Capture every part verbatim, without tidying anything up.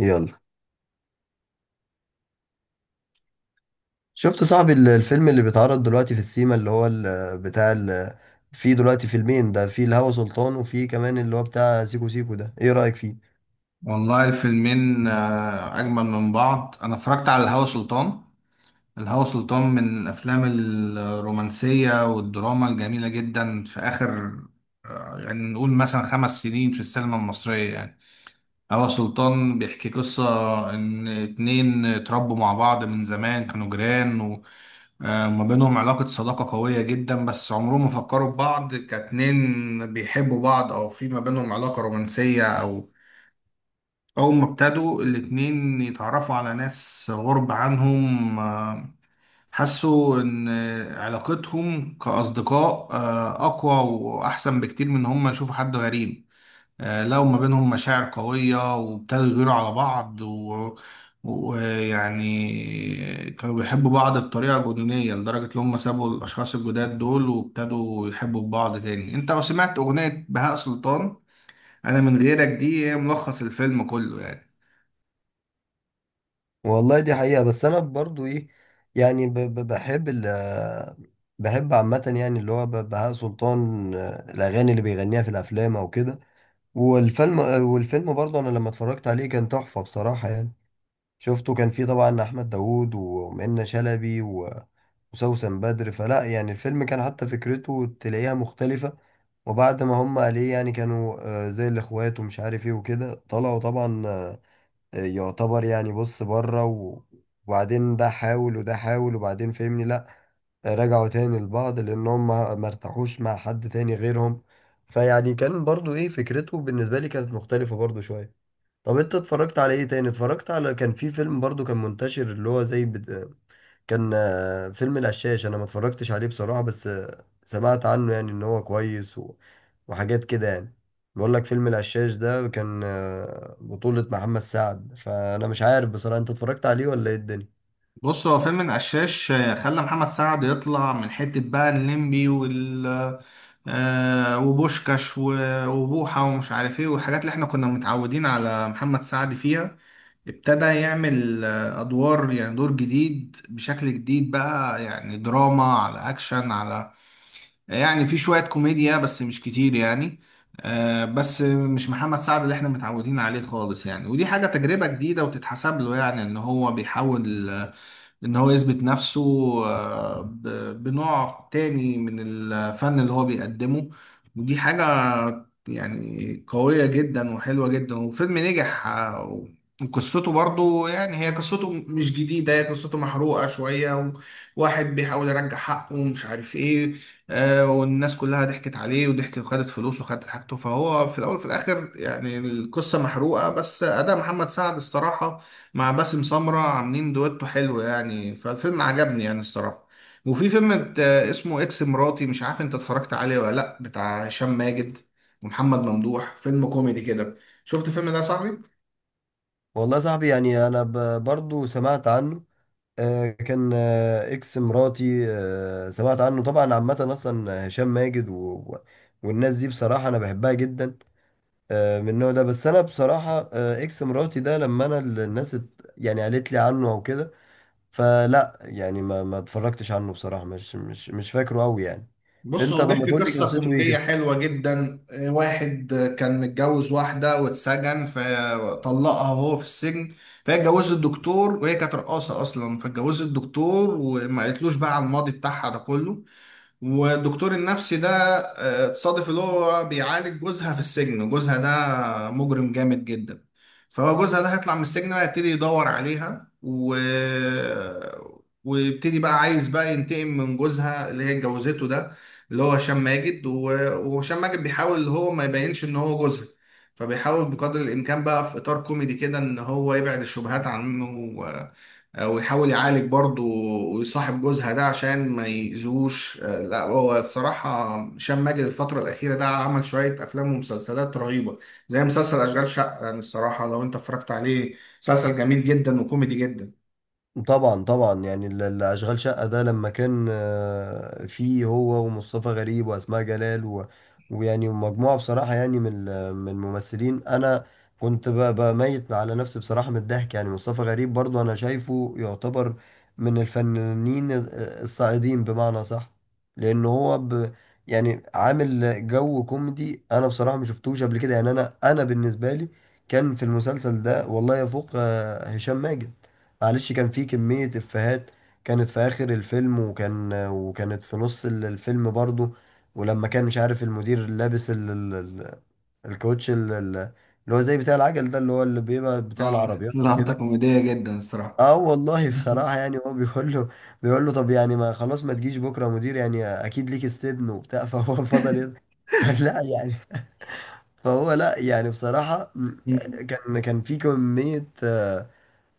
يلا، شفت صاحبي ال- الفيلم اللي بيتعرض دلوقتي في السيما اللي هو ال- بتاع ال- في دلوقتي فيلمين؟ ده في الهوى سلطان وفي كمان اللي هو بتاع سيكو سيكو، ده ايه رأيك فيه؟ والله الفيلمين آه، أجمل من بعض. أنا اتفرجت على الهوى سلطان الهوى سلطان من الأفلام الرومانسية والدراما الجميلة جدا في آخر آه، يعني نقول مثلا خمس سنين في السينما المصرية. يعني هوى سلطان بيحكي قصة إن اتنين اتربوا مع بعض من زمان، كانوا جيران وما بينهم علاقة صداقة قوية جدا، بس عمرهم ما فكروا في بعض كاتنين بيحبوا بعض أو في ما بينهم علاقة رومانسية، أو أول ما ابتدوا الاتنين يتعرفوا على ناس غرب عنهم آه، حسوا إن علاقتهم كأصدقاء آه، أقوى وأحسن بكتير من إن هما يشوفوا حد غريب. آه، لقوا ما بينهم مشاعر قوية وابتدوا يغيروا على بعض و- ويعني كانوا بيحبوا بعض بطريقة جنونية لدرجة إن هما سابوا الأشخاص الجداد دول وابتدوا يحبوا بعض تاني. أنت لو سمعت أغنية بهاء سلطان أنا من غيرك، دي هي ملخص الفيلم كله يعني. والله دي حقيقة، بس انا برضو ايه يعني ب- ب- بحب ال بحب عامة يعني اللي هو ب- بهاء سلطان. آه، الأغاني اللي بيغنيها في الأفلام أو كده، والفيلم والفيلم برضه أنا لما اتفرجت عليه كان تحفة بصراحة يعني. شفته، كان فيه طبعا احمد داوود ومنة شلبي و- وسوسن بدر، فلا يعني الفيلم كان حتى فكرته تلاقيها مختلفة. وبعد ما هم عليه يعني كانوا آه، زي الاخوات ومش عارف ايه وكده، طلعوا طبعا آه، يعتبر يعني بص بره و- وبعدين ده حاول وده حاول، وبعدين فهمني لا، آه، رجعوا تاني لبعض لان هم ما ارتاحوش مع حد تاني غيرهم. فيعني كان برضو ايه، فكرته بالنسبة لي كانت مختلفة برضو شوية. طب انت اتفرجت على ايه تاني؟ اتفرجت على، كان في فيلم برضو كان منتشر اللي هو زي بت... كان آه، فيلم القشاش، انا ما اتفرجتش عليه بصراحة، بس آه، سمعت عنه يعني ان هو كويس و... وحاجات كده يعني. بقول لك فيلم القشاش ده كان آه، بطولة محمد سعد، فانا مش عارف بصراحة، انت اتفرجت عليه ولا ايه الدنيا؟ بص، هو فيلم القشاش آه، خلى محمد سعد يطلع من حتة بقى الليمبي وال آه، وبوشكاش و- وبوحة ومش عارف ايه، والحاجات اللي احنا كنا متعودين على محمد سعد فيها. ابتدى يعمل آه، ادوار، يعني دور جديد بشكل جديد بقى، يعني دراما على اكشن، على يعني في شوية كوميديا بس مش كتير يعني. آه، بس مش محمد سعد اللي احنا متعودين عليه خالص يعني. ودي حاجة تجربة جديدة وتتحسب له، يعني ان هو بيحاول آه، ان هو يثبت نفسه آه، ب- بنوع تاني من الفن اللي هو بيقدمه. ودي حاجة يعني قوية جدا وحلوة جدا، وفيلم نجح. آه، وقصته برضو يعني هي قصته مش جديدة، هي قصته محروقة شوية، وواحد بيحاول يرجع حقه ومش عارف ايه. آه، والناس كلها ضحكت عليه وضحكت وخدت فلوسه وخدت حاجته، فهو في الأول وفي الآخر يعني القصة محروقة، بس أداء محمد سعد الصراحة مع باسم سمرة عاملين دويتو حلو يعني، فالفيلم عجبني يعني الصراحة. وفي فيلم ات- اسمه اكس مراتي، مش عارف انت اتفرجت عليه ولا لا، بتاع هشام ماجد ومحمد ممدوح، فيلم كوميدي كده. شفت الفيلم ده يا صاحبي؟ والله يا صاحبي يعني انا ب... برضو سمعت عنه. آه، كان آه، اكس مراتي، آه، سمعت عنه طبعا. عامة اصلا هشام ماجد و... و- والناس دي بصراحة انا بحبها جدا، آه، من النوع ده. بس انا بصراحه آه، اكس مراتي ده لما انا ال- الناس ات- يعني قالت لي عنه او كده، فلا يعني ما ما اتفرجتش عنه بصراحه، مش مش مش فاكره قوي يعني. بص، انت هو طب ما بيحكي تقول لي قصة قصته ايه كوميدية كده؟ حلوة جدا. آه، واحد آه، كان متجوز واحدة واتسجن فطلقها وهو في السجن. فهي اتجوزت الدكتور، وهي كانت رقاصة أصلا، فاتجوزت الدكتور وما قالتلوش بقى على الماضي بتاعها ده كله. والدكتور النفسي ده آه، تصادف اللي هو بيعالج جوزها في السجن، وجوزها ده مجرم جامد جدا. فهو جوزها ده هيطلع من السجن بقى يبتدي يدور عليها، و... ويبتدي بقى عايز بقى ينتقم من جوزها اللي هي اتجوزته ده، اللي هو هشام ماجد. و... وهشام ماجد بيحاول اللي هو ما يبينش ان هو جوزها، فبيحاول بقدر الامكان بقى في اطار كوميدي كده ان هو يبعد الشبهات عنه. آه، ويحاول يعالج برضه ويصاحب جوزها ده عشان ما يأذوش. آه، لا، هو الصراحة هشام ماجد الفترة الأخيرة ده عمل شوية أفلام ومسلسلات رهيبة، زي مسلسل أشغال شقة. يعني الصراحة لو أنت اتفرجت عليه، مسلسل جميل جدا وكوميدي جدا. طبعا طبعا يعني ال- ال- اشغال شقة ده لما كان آه، فيه هو ومصطفى غريب واسماء جلال و... ويعني مجموعة بصراحة يعني من ال- من الممثلين، انا كنت ب- بميت على نفسي بصراحة من الضحك يعني. مصطفى غريب برضو انا شايفه يعتبر من الفنانين الصاعدين بمعنى صح، لان هو ب... يعني عامل جو كوميدي انا بصراحة ما شفتوش قبل كده يعني. انا انا بالنسبة لي كان في المسلسل ده والله يفوق آه، هشام ماجد، معلش. كان في كمية إفيهات كانت في آخر الفيلم، وكان وكانت في نص ال- الفيلم برضو. ولما كان مش عارف المدير لابس ال... ال... ال- الكوتش ال... ال- اللي هو زي بتاع العجل ده، اللي هو اللي بيبقى بتاع اه العربيات لقطة وكده. كوميدية جدا الصراحة. اه والله بصراحة يعني هو بيقول له، بيقول له طب يعني ما خلاص ما تجيش بكرة يا مدير، يعني أكيد ليك استبن وبتاع. فهو فضل يد... فلا يعني، فهو لا يعني بصراحة م- كان كان في كمية آه،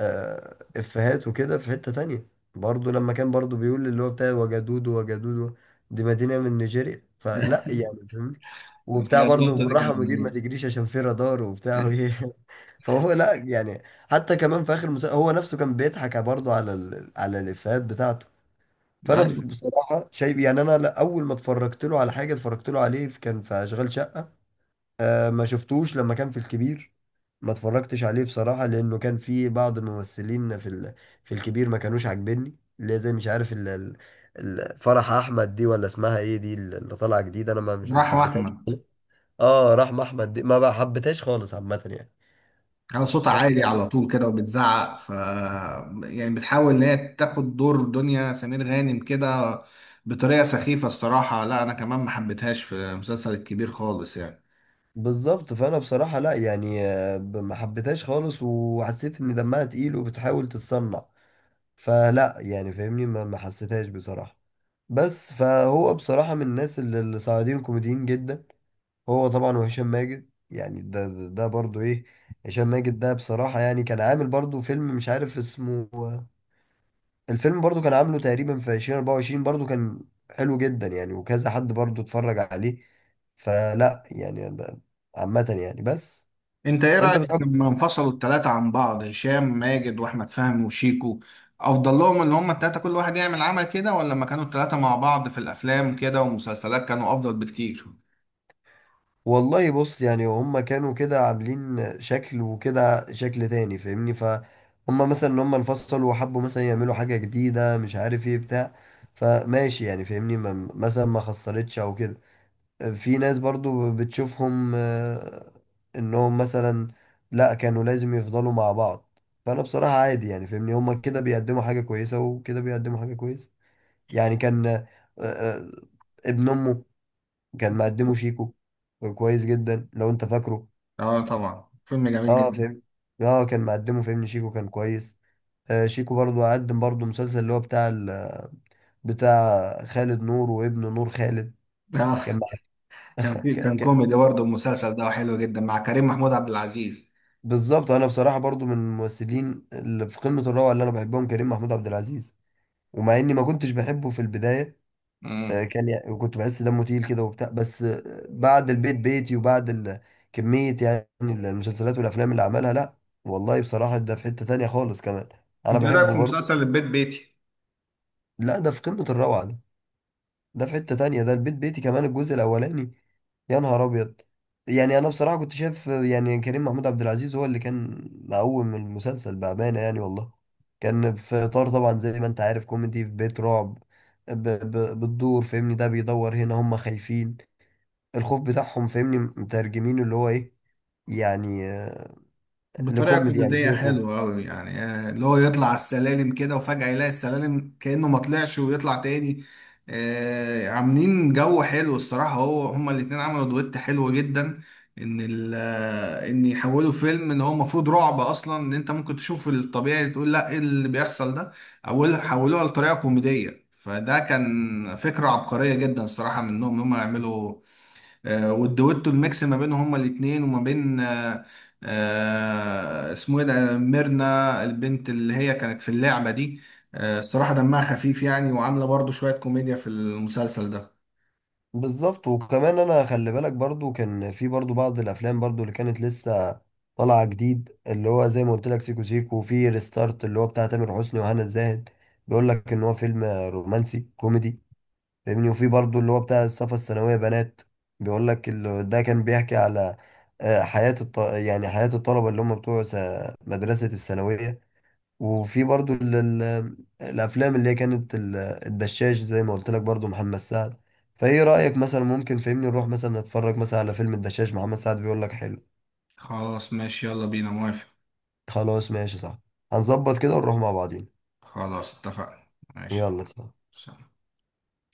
آه، افيهات وكده. في حتة تانية برضو لما كان برضو بيقول اللي هو بتاع وجدود وجدود، دي مدينة من نيجيريا، فلا يعني فاهمني. وبتاع برضو اللقطة دي بالراحة كانت مدير ما جميلة. تجريش عشان في رادار وبتاع وايه فهو لا يعني. حتى كمان في آخر المسلسل هو نفسه كان بيضحك برضو على ال... على الافيهات بتاعته. فانا أيوة. بصراحة شايف يعني انا لا، اول ما اتفرجت له على حاجة اتفرجت له عليه كان في اشغال شقة. ما شفتوش لما كان في الكبير؟ ما اتفرجتش عليه بصراحة لأنه كان في بعض الممثلين في ال... في الكبير ما كانوش عاجبني اللي هي زي مش عارف ال... ال... ال- فرح أحمد دي، ولا اسمها إيه دي اللي طالعة جديد، أنا ما مش ما رحمة حبيتهاش. أحمد آه رحمة أحمد دي ما بقى حبيتهاش خالص عامة يعني. على صوتها ف... عالي على طول كده وبتزعق، ف يعني بتحاول ان هي تاخد دور دنيا سمير غانم كده بطريقه سخيفه الصراحه. لا، انا كمان ما حبيتهاش في المسلسل الكبير خالص يعني. بالظبط، فأنا بصراحة لا يعني آه، ب- ما حبيتهاش خالص وحسيت إن دمها تقيل وبتحاول تتصنع. فلا يعني فاهمني، ما ما حسيتهاش بصراحة. بس فهو بصراحة من الناس اللي اللي صاعدين كوميديين جدا، هو طبعا وهشام ماجد. يعني ده ده, ده برضو ايه، هشام ماجد ده بصراحة يعني كان عامل برضو فيلم مش عارف اسمه. الفيلم برضو كان عامله تقريبا في ألفين واربعة وعشرين، برضو كان حلو جدا يعني، وكذا حد برضو اتفرج عليه. فلا يعني ب-، عامة يعني بس. انت ايه انت رايك بتحب؟ لما انفصلوا الثلاثه عن بعض، هشام ماجد واحمد فهمي وشيكو؟ افضل لهم ان هم الثلاثه كل واحد يعمل عمل كده، ولا لما كانوا الثلاثه مع بعض في الافلام كده ومسلسلات كانوا افضل بكتير؟ والله بص يعني هما كانوا كده عاملين شكل، وكده شكل تاني، فاهمني. فهم مثلا ان هم انفصلوا وحبوا مثلا يعملوا حاجة جديدة مش عارف ايه بتاع، فماشي يعني فاهمني، ما- مثلا ما خسرتش او كده. في ناس برضو بتشوفهم آه، انهم مثلا لا، كانوا لازم يفضلوا مع بعض. فانا بصراحة عادي يعني فاهمني، هما كده بيقدموا حاجة كويسة وكده بيقدموا حاجة كويسة. يعني كان آه، آه، ابن امه كان مقدمه شيكو، كان كويس جدا لو انت فاكره. اه طبعا، فيلم جميل اه جدا. فهمت، اه كان مقدمه فهمني شيكو كان كويس. آه شيكو برضو قدم برضو مسلسل اللي هو بتاع ال... بتاع خالد نور وابن نور خالد، كان آه، مع- كان في ك... كان ك... كوميدي برضه المسلسل ده، حلو جدا مع كريم محمود عبد العزيز. بالظبط، انا بصراحة برضو من الممثلين اللي في قمة الروعة اللي انا بحبهم كريم محمود عبد العزيز. ومع اني ما كنتش بحبه في البداية، مم. آه، كان يعني وكنت بحس دمه تقيل كده وبتاع، بس آه، بعد البيت بيتي وبعد ال- كمية يعني المسلسلات والأفلام اللي عملها، لا والله بصراحة ده في حتة تانية خالص كمان. أنا انت إيه رايك بحبه في برضو. مسلسل البيت بيتي؟ لا ده في قمة الروعة ده، ده في حتة تانية ده البيت بيتي كمان الجزء الأولاني، يا نهار أبيض. يعني أنا بصراحة كنت شايف آه، يعني كريم محمود عبد العزيز هو اللي كان مقوم المسلسل بأمانة يعني والله. كان في إطار طبعا زي ما أنت عارف كوميدي في بيت رعب، ب- ب- بتدور فاهمني، ده بيدور هنا هم خايفين، الخوف بتاعهم فاهمني مترجمينه اللي هو ايه يعني، آه، بطريقه لكوميدي يعني كوميديه زي خوف. حلوه قوي يعني، آه، اللي هو يطلع على السلالم كده وفجاه يلاقي السلالم كانه ما طلعش ويطلع تاني. آه، عاملين جو حلو الصراحه. هو هما الاتنين عملوا دويت حلو جدا، ان ال آه، ان يحولوا فيلم ان هو المفروض رعب اصلا، ان انت ممكن تشوف الطبيعي تقول لا ايه اللي بيحصل ده، اول حولوها لطريقه كوميديه، فده كان فكره عبقريه جدا الصراحه منهم ان هم يعملوا. آه، والدويتو الميكس ما بينهم هما الاتنين وما بين آه، آه، اسمه ايه ده، ميرنا البنت اللي هي كانت في اللعبة دي. آه، الصراحة دمها خفيف يعني، وعاملة برضو شوية كوميديا في المسلسل ده. بالظبط. وكمان انا خلي بالك برضو كان في برضو بعض الافلام برضو اللي كانت لسه طالعه جديد، اللي هو زي ما قلت لك سيكو سيكو، وفي ريستارت اللي هو بتاع تامر حسني وهنا الزاهد، بيقول لك ان هو فيلم رومانسي كوميدي فاهمني. وفي برضو اللي هو بتاع الصفا الثانويه بنات، بيقول لك ال- ده كان بيحكي على آه، حياه الط... يعني حياه الطلبه اللي هم بتوع س- مدرسه الثانويه. وفي برضو ال- ال- الافلام اللي هي كانت ال- الدشاش زي ما قلت لك، برضو محمد سعد. فايه رايك مثلا ممكن فهمني نروح مثلا نتفرج مثلا على فيلم الدشاش محمد سعد؟ بيقول لك حلو. خلاص ماشي، يلا بينا، موافق. خلاص ماشي صح، هنظبط كده ونروح مع بعضين. خلاص اتفقنا. ماشي. يلا صح. سلام.